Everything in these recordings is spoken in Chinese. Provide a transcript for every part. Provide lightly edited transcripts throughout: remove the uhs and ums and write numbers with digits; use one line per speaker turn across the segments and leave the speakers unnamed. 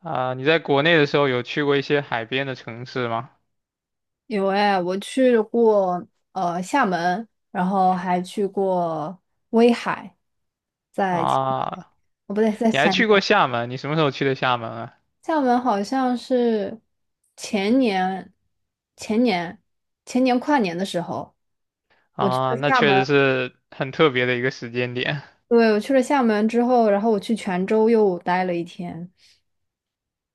啊，你在国内的时候有去过一些海边的城市吗？
有哎，我去过厦门，然后还去过威海，在青
啊，
哦不对，在
你还
厦门。
去过厦门，你什么时候去的厦门啊？
厦门好像是前年、前年、前年跨年的时候去
啊，
了
那
厦
确
门。
实是很特别的一个时间点。
对，我去了厦门之后，然后我去泉州又待了一天。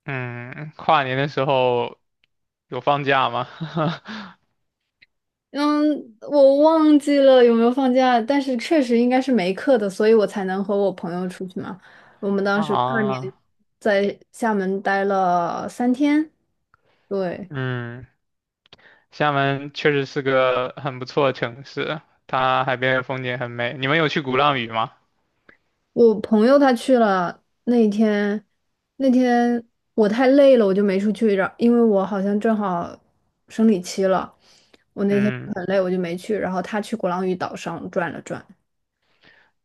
嗯，跨年的时候有放假吗？
嗯，我忘记了有没有放假，但是确实应该是没课的，所以我才能和我朋友出去嘛。我们 当时跨年
啊，
在厦门待了3天，对，
嗯，厦门确实是个很不错的城市，它海边的风景很美。你们有去鼓浪屿吗？
我朋友他去了那一天，那天我太累了，我就没出去，因为我好像正好生理期了，我那天
嗯，
很累，我就没去，然后他去鼓浪屿岛上转了转。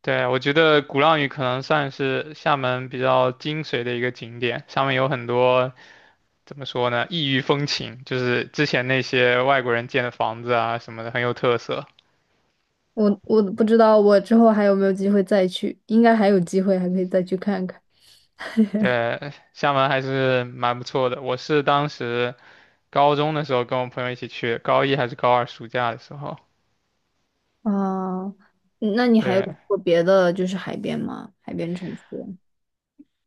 对，我觉得鼓浪屿可能算是厦门比较精髓的一个景点，上面有很多。怎么说呢？异域风情，就是之前那些外国人建的房子啊什么的，很有特色。
我不知道我之后还有没有机会再去，应该还有机会，还可以再去看看。
对，厦门还是蛮不错的。我是当时高中的时候跟我朋友一起去，高一还是高二暑假的时候。
哦，那你还有去
对，
过别的就是海边吗？海边城市？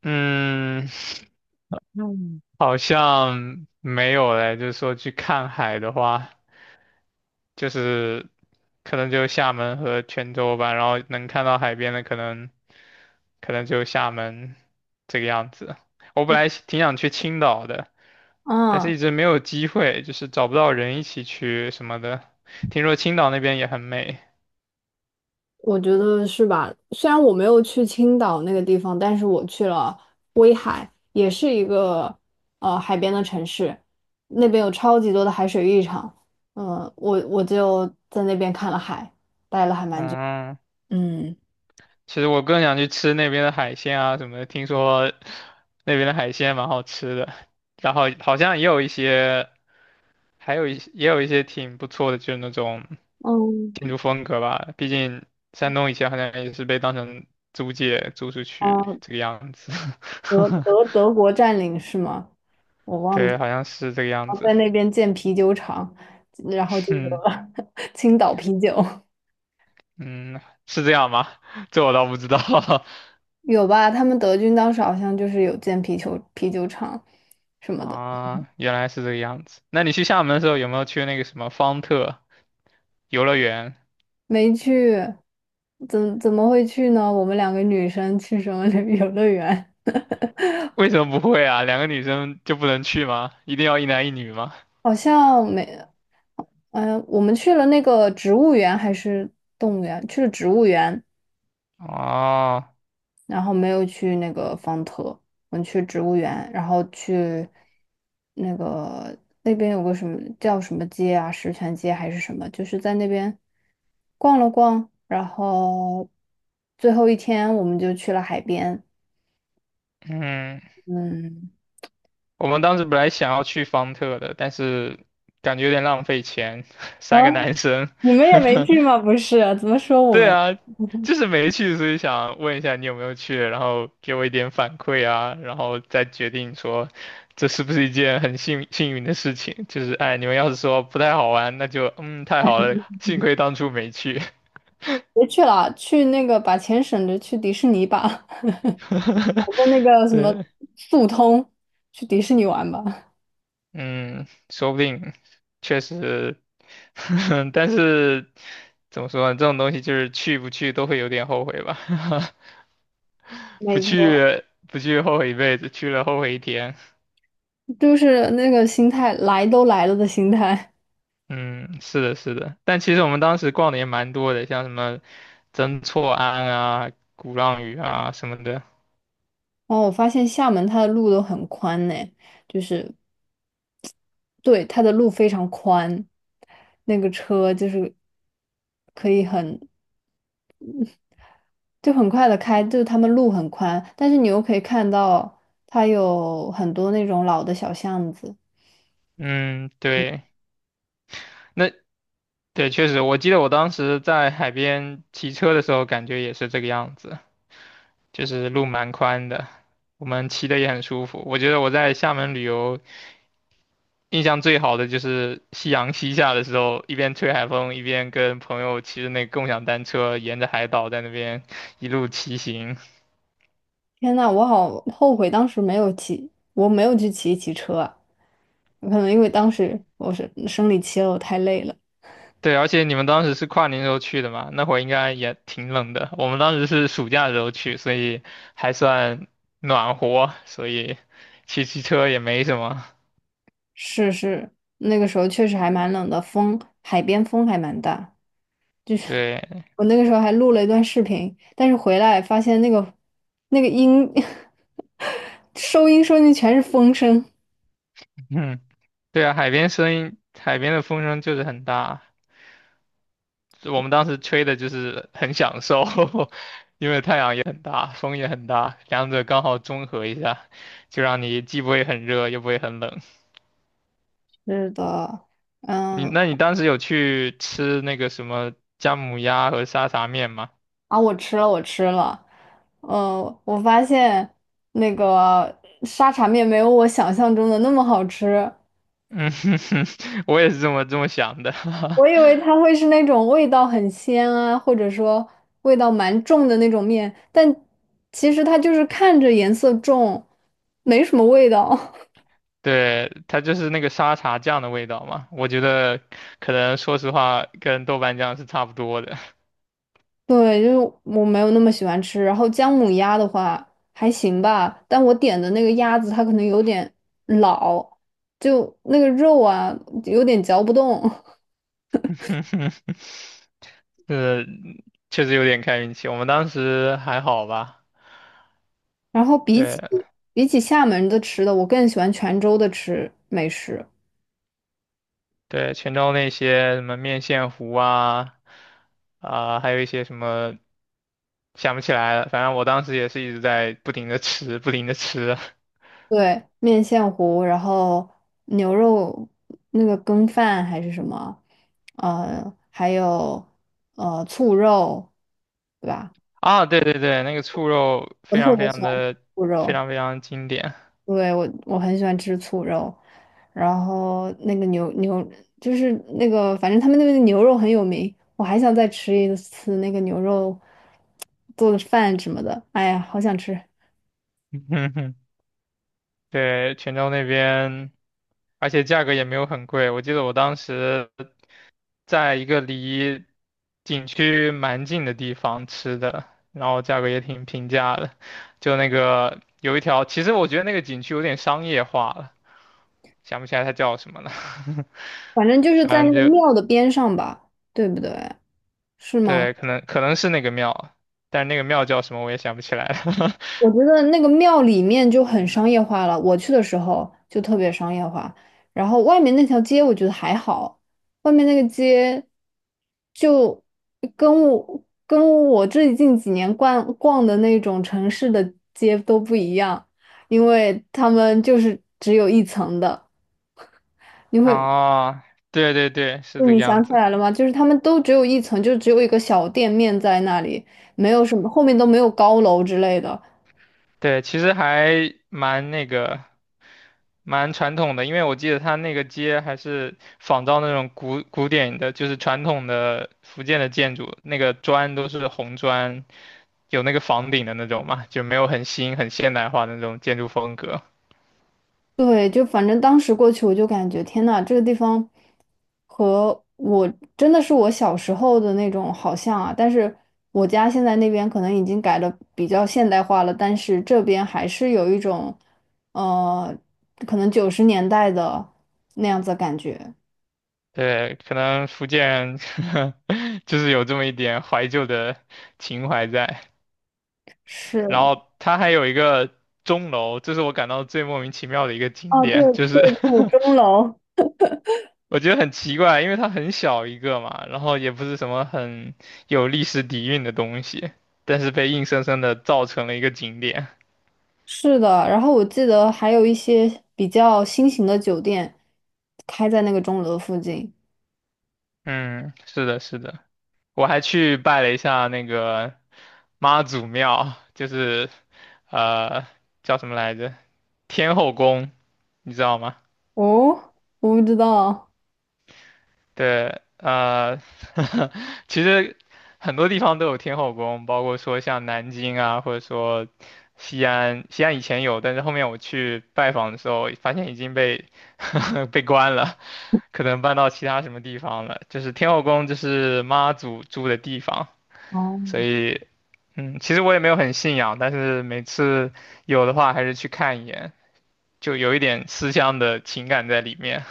嗯，嗯，好像没有嘞。就是说去看海的话，就是可能就厦门和泉州吧，然后能看到海边的可能可能就厦门这个样子。我本来挺想去青岛的，但是
啊，
一直没有机会，就是找不到人一起去什么的。听说青岛那边也很美，
我觉得是吧？虽然我没有去青岛那个地方，但是我去了威海，也是一个海边的城市，那边有超级多的海水浴场。嗯，我就在那边看了海，待了还蛮久。
嗯，
嗯，
其实我更想去吃那边的海鲜啊什么的，听说那边的海鲜蛮好吃的，然后好像也有一些，还有一也有一些挺不错的，就是那种。
嗯，
民族风格吧，毕竟山东以前好像也是被当成租界租出去
哦
这个样子，
德国占领是吗？我 忘记，
对，好像是这个样
然后
子，
在那边建啤酒厂，然后 就有
嗯
了 青岛啤酒，
嗯，是这样吗？这我倒不知道
有吧？他们德军当时好像就是有建啤酒厂什 么的。
啊，原来是这个样子。那你去厦门的时候有没有去那个什么方特游乐园？
没去，怎么会去呢？我们两个女生去什么旅 游乐园？
为什么不会啊？两个女生就不能去吗？一定要一男一女吗？
好像没，嗯、我们去了那个植物园还是动物园？去了植物园，
哦，
然后没有去那个方特，我们去植物园，然后去那个那边有个什么叫什么街啊，石泉街还是什么，就是在那边逛了逛，然后最后一天我们就去了海边。
嗯。
嗯，
我们当时本来想要去方特的，但是感觉有点浪费钱，
啊，
三个男生。
你们也没去吗？不是，怎么说我
对
们？
啊，就是没去，所以想问一下你有没有去，然后给我一点反馈啊，然后再决定说这是不是一件很幸运的事情。就是哎，你们要是说不太好玩，那就太好了，幸亏当初没去。
别去了，去那个把钱省着去迪士尼吧，搞 个那个什么
对。
速通，去迪士尼玩吧。
嗯，说不定确实，但是怎么说呢？这种东西就是去不去都会有点后悔吧，
没错。
不去后悔一辈子，去了后悔一天。
就是那个心态，来都来了的心态。
嗯，是的，是的。但其实我们当时逛的也蛮多的，像什么曾厝垵啊、鼓浪屿啊什么的。
然后我发现厦门它的路都很宽呢，就是对它的路非常宽，那个车就是可以很就很快的开，就是他们路很宽，但是你又可以看到它有很多那种老的小巷子。
嗯，对，那对，确实，我记得我当时在海边骑车的时候，感觉也是这个样子。就是路蛮宽的，我们骑的也很舒服。我觉得我在厦门旅游印象最好的就是夕阳西下的时候，一边吹海风，一边跟朋友骑着那个共享单车，沿着海岛在那边一路骑行。
天呐，我好后悔当时没有骑，我没有去骑一骑车啊，可能因为当时我是生理期了，我太累了。
对，而且你们当时是跨年时候去的嘛，那会儿应该也挺冷的。我们当时是暑假的时候去，所以还算暖和，所以骑车也没什么。
是是，那个时候确实还蛮冷的，风，海边风还蛮大。就是
对，
我那个时候还录了一段视频，但是回来发现那个那个音 收音收进去全是风声。
嗯，对啊，海边声音，海边的风声就是很大。我们当时吹的就是很享受，因为太阳也很大，风也很大，两者刚好中和一下，就让你既不会很热，又不会很冷。
是的，嗯，
你当时有去吃那个什么姜母鸭和沙茶面吗？
啊，我吃了，我吃了，我发现那个沙茶面没有我想象中的那么好吃。
嗯，我也是这么想的。
我以为它会是那种味道很鲜啊，或者说味道蛮重的那种面，但其实它就是看着颜色重，没什么味道。
对，它就是那个沙茶酱的味道嘛，我觉得可能说实话跟豆瓣酱是差不多的。
对，就是我没有那么喜欢吃。然后姜母鸭的话还行吧，但我点的那个鸭子它可能有点老，就那个肉啊有点嚼不动。
呃，确实有点看运气，我们当时还好吧。
然后比
对
起比起厦门的吃的，我更喜欢泉州的美食。
对，泉州那些什么面线糊啊，啊、还有一些什么想不起来了，反正我当时也是一直在不停的吃，不停的吃。
对，面线糊，然后牛肉那个羹饭还是什么，还有醋肉，对吧？
啊，对对对，那个醋肉
我
非
特
常非
别喜
常
欢吃
的
醋
非
肉，
常非常经典。
对，我很喜欢吃醋肉，然后那个牛就是那个，反正他们那边的牛肉很有名，我还想再吃一次那个牛肉做的饭什么的，哎呀，好想吃，
嗯哼哼对，泉州那边。而且价格也没有很贵。我记得我当时在一个离景区蛮近的地方吃的，然后价格也挺平价的。就那个有一条，其实我觉得那个景区有点商业化了，想不起来它叫什么了。
反正就 是在
反正
那个
就
庙的边上吧，对不对？是吗？
对，可能是那个庙，但那个庙叫什么我也想不起来了。
我觉得那个庙里面就很商业化了，我去的时候就特别商业化。然后外面那条街我觉得还好，外面那个街就跟我跟我最近几年逛逛的那种城市的街都不一样，因为他们就是只有一层的。你 会，
哦，对对对，是
就
这个
你
样
想起
子。
来了吗？就是他们都只有一层，就只有一个小店面在那里，没有什么，后面都没有高楼之类的。
对，其实还蛮那个，蛮传统的，因为我记得它那个街还是仿照那种古典的，就是传统的福建的建筑，那个砖都是红砖，有那个房顶的那种嘛，就没有很新很现代化的那种建筑风格。
对，就反正当时过去，我就感觉天呐，这个地方和我真的是我小时候的那种好像啊。但是我家现在那边可能已经改的比较现代化了，但是这边还是有一种，呃，可能90年代的那样子的感觉。
对，可能福建人 就是有这么一点怀旧的情怀在。
是，
然后它还有一个钟楼，这是我感到最莫名其妙的一个景
哦，对
点，就是
对，有 钟楼。
我觉得很奇怪，因为它很小一个嘛，然后也不是什么很有历史底蕴的东西，但是被硬生生的造成了一个景点。
是的，然后我记得还有一些比较新型的酒店开在那个钟楼附近。
嗯，是的，是的，我还去拜了一下那个妈祖庙，就是呃叫什么来着？天后宫，你知道吗？
哦，我不知道。
对，其实很多地方都有天后宫，包括说像南京啊，或者说西安。西安以前有，但是后面我去拜访的时候，发现已经被 被关了，可能搬到其他什么地方了。就是天后宫，就是妈祖住的地方，
哦，
所以，嗯，其实我也没有很信仰，但是每次有的话还是去看一眼，就有一点思乡的情感在里面。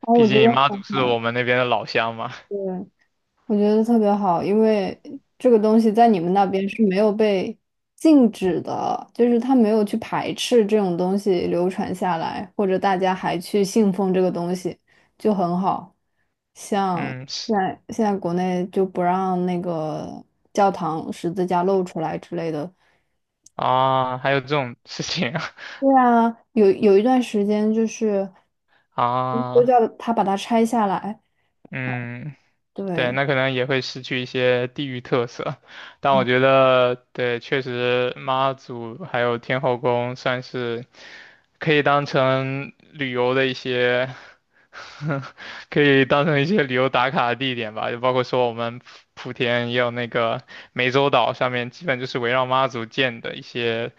哦，
毕
我觉
竟
得
妈祖
很
是
好，
我们那边的老乡嘛，
对，我觉得特别好，因为这个东西在你们那边是没有被禁止的，就是他没有去排斥这种东西流传下来，或者大家还去信奉这个东西，就很好。像
嗯。
现在国内就不让那个教堂十字架露出来之类的。
啊，还有这种事情啊，
对啊，有一段时间就是都
啊
叫他把它拆下来。
嗯，对，
对，
那可能也会失去一些地域特色，但我觉得，对，确实妈祖还有天后宫算是可以当成旅游的一些，可以当成一些旅游打卡的地点吧，就包括说我们莆田也有那个湄洲岛上面，基本就是围绕妈祖建的一些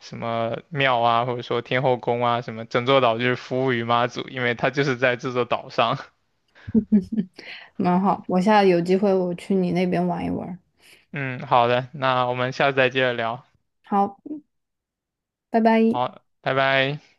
什么庙啊，或者说天后宫啊，什么整座岛就是服务于妈祖，因为它就是在这座岛上。
蛮好。我下次有机会我去你那边玩一玩。
嗯，好的，那我们下次再接着聊。
好，拜拜。
好，拜拜。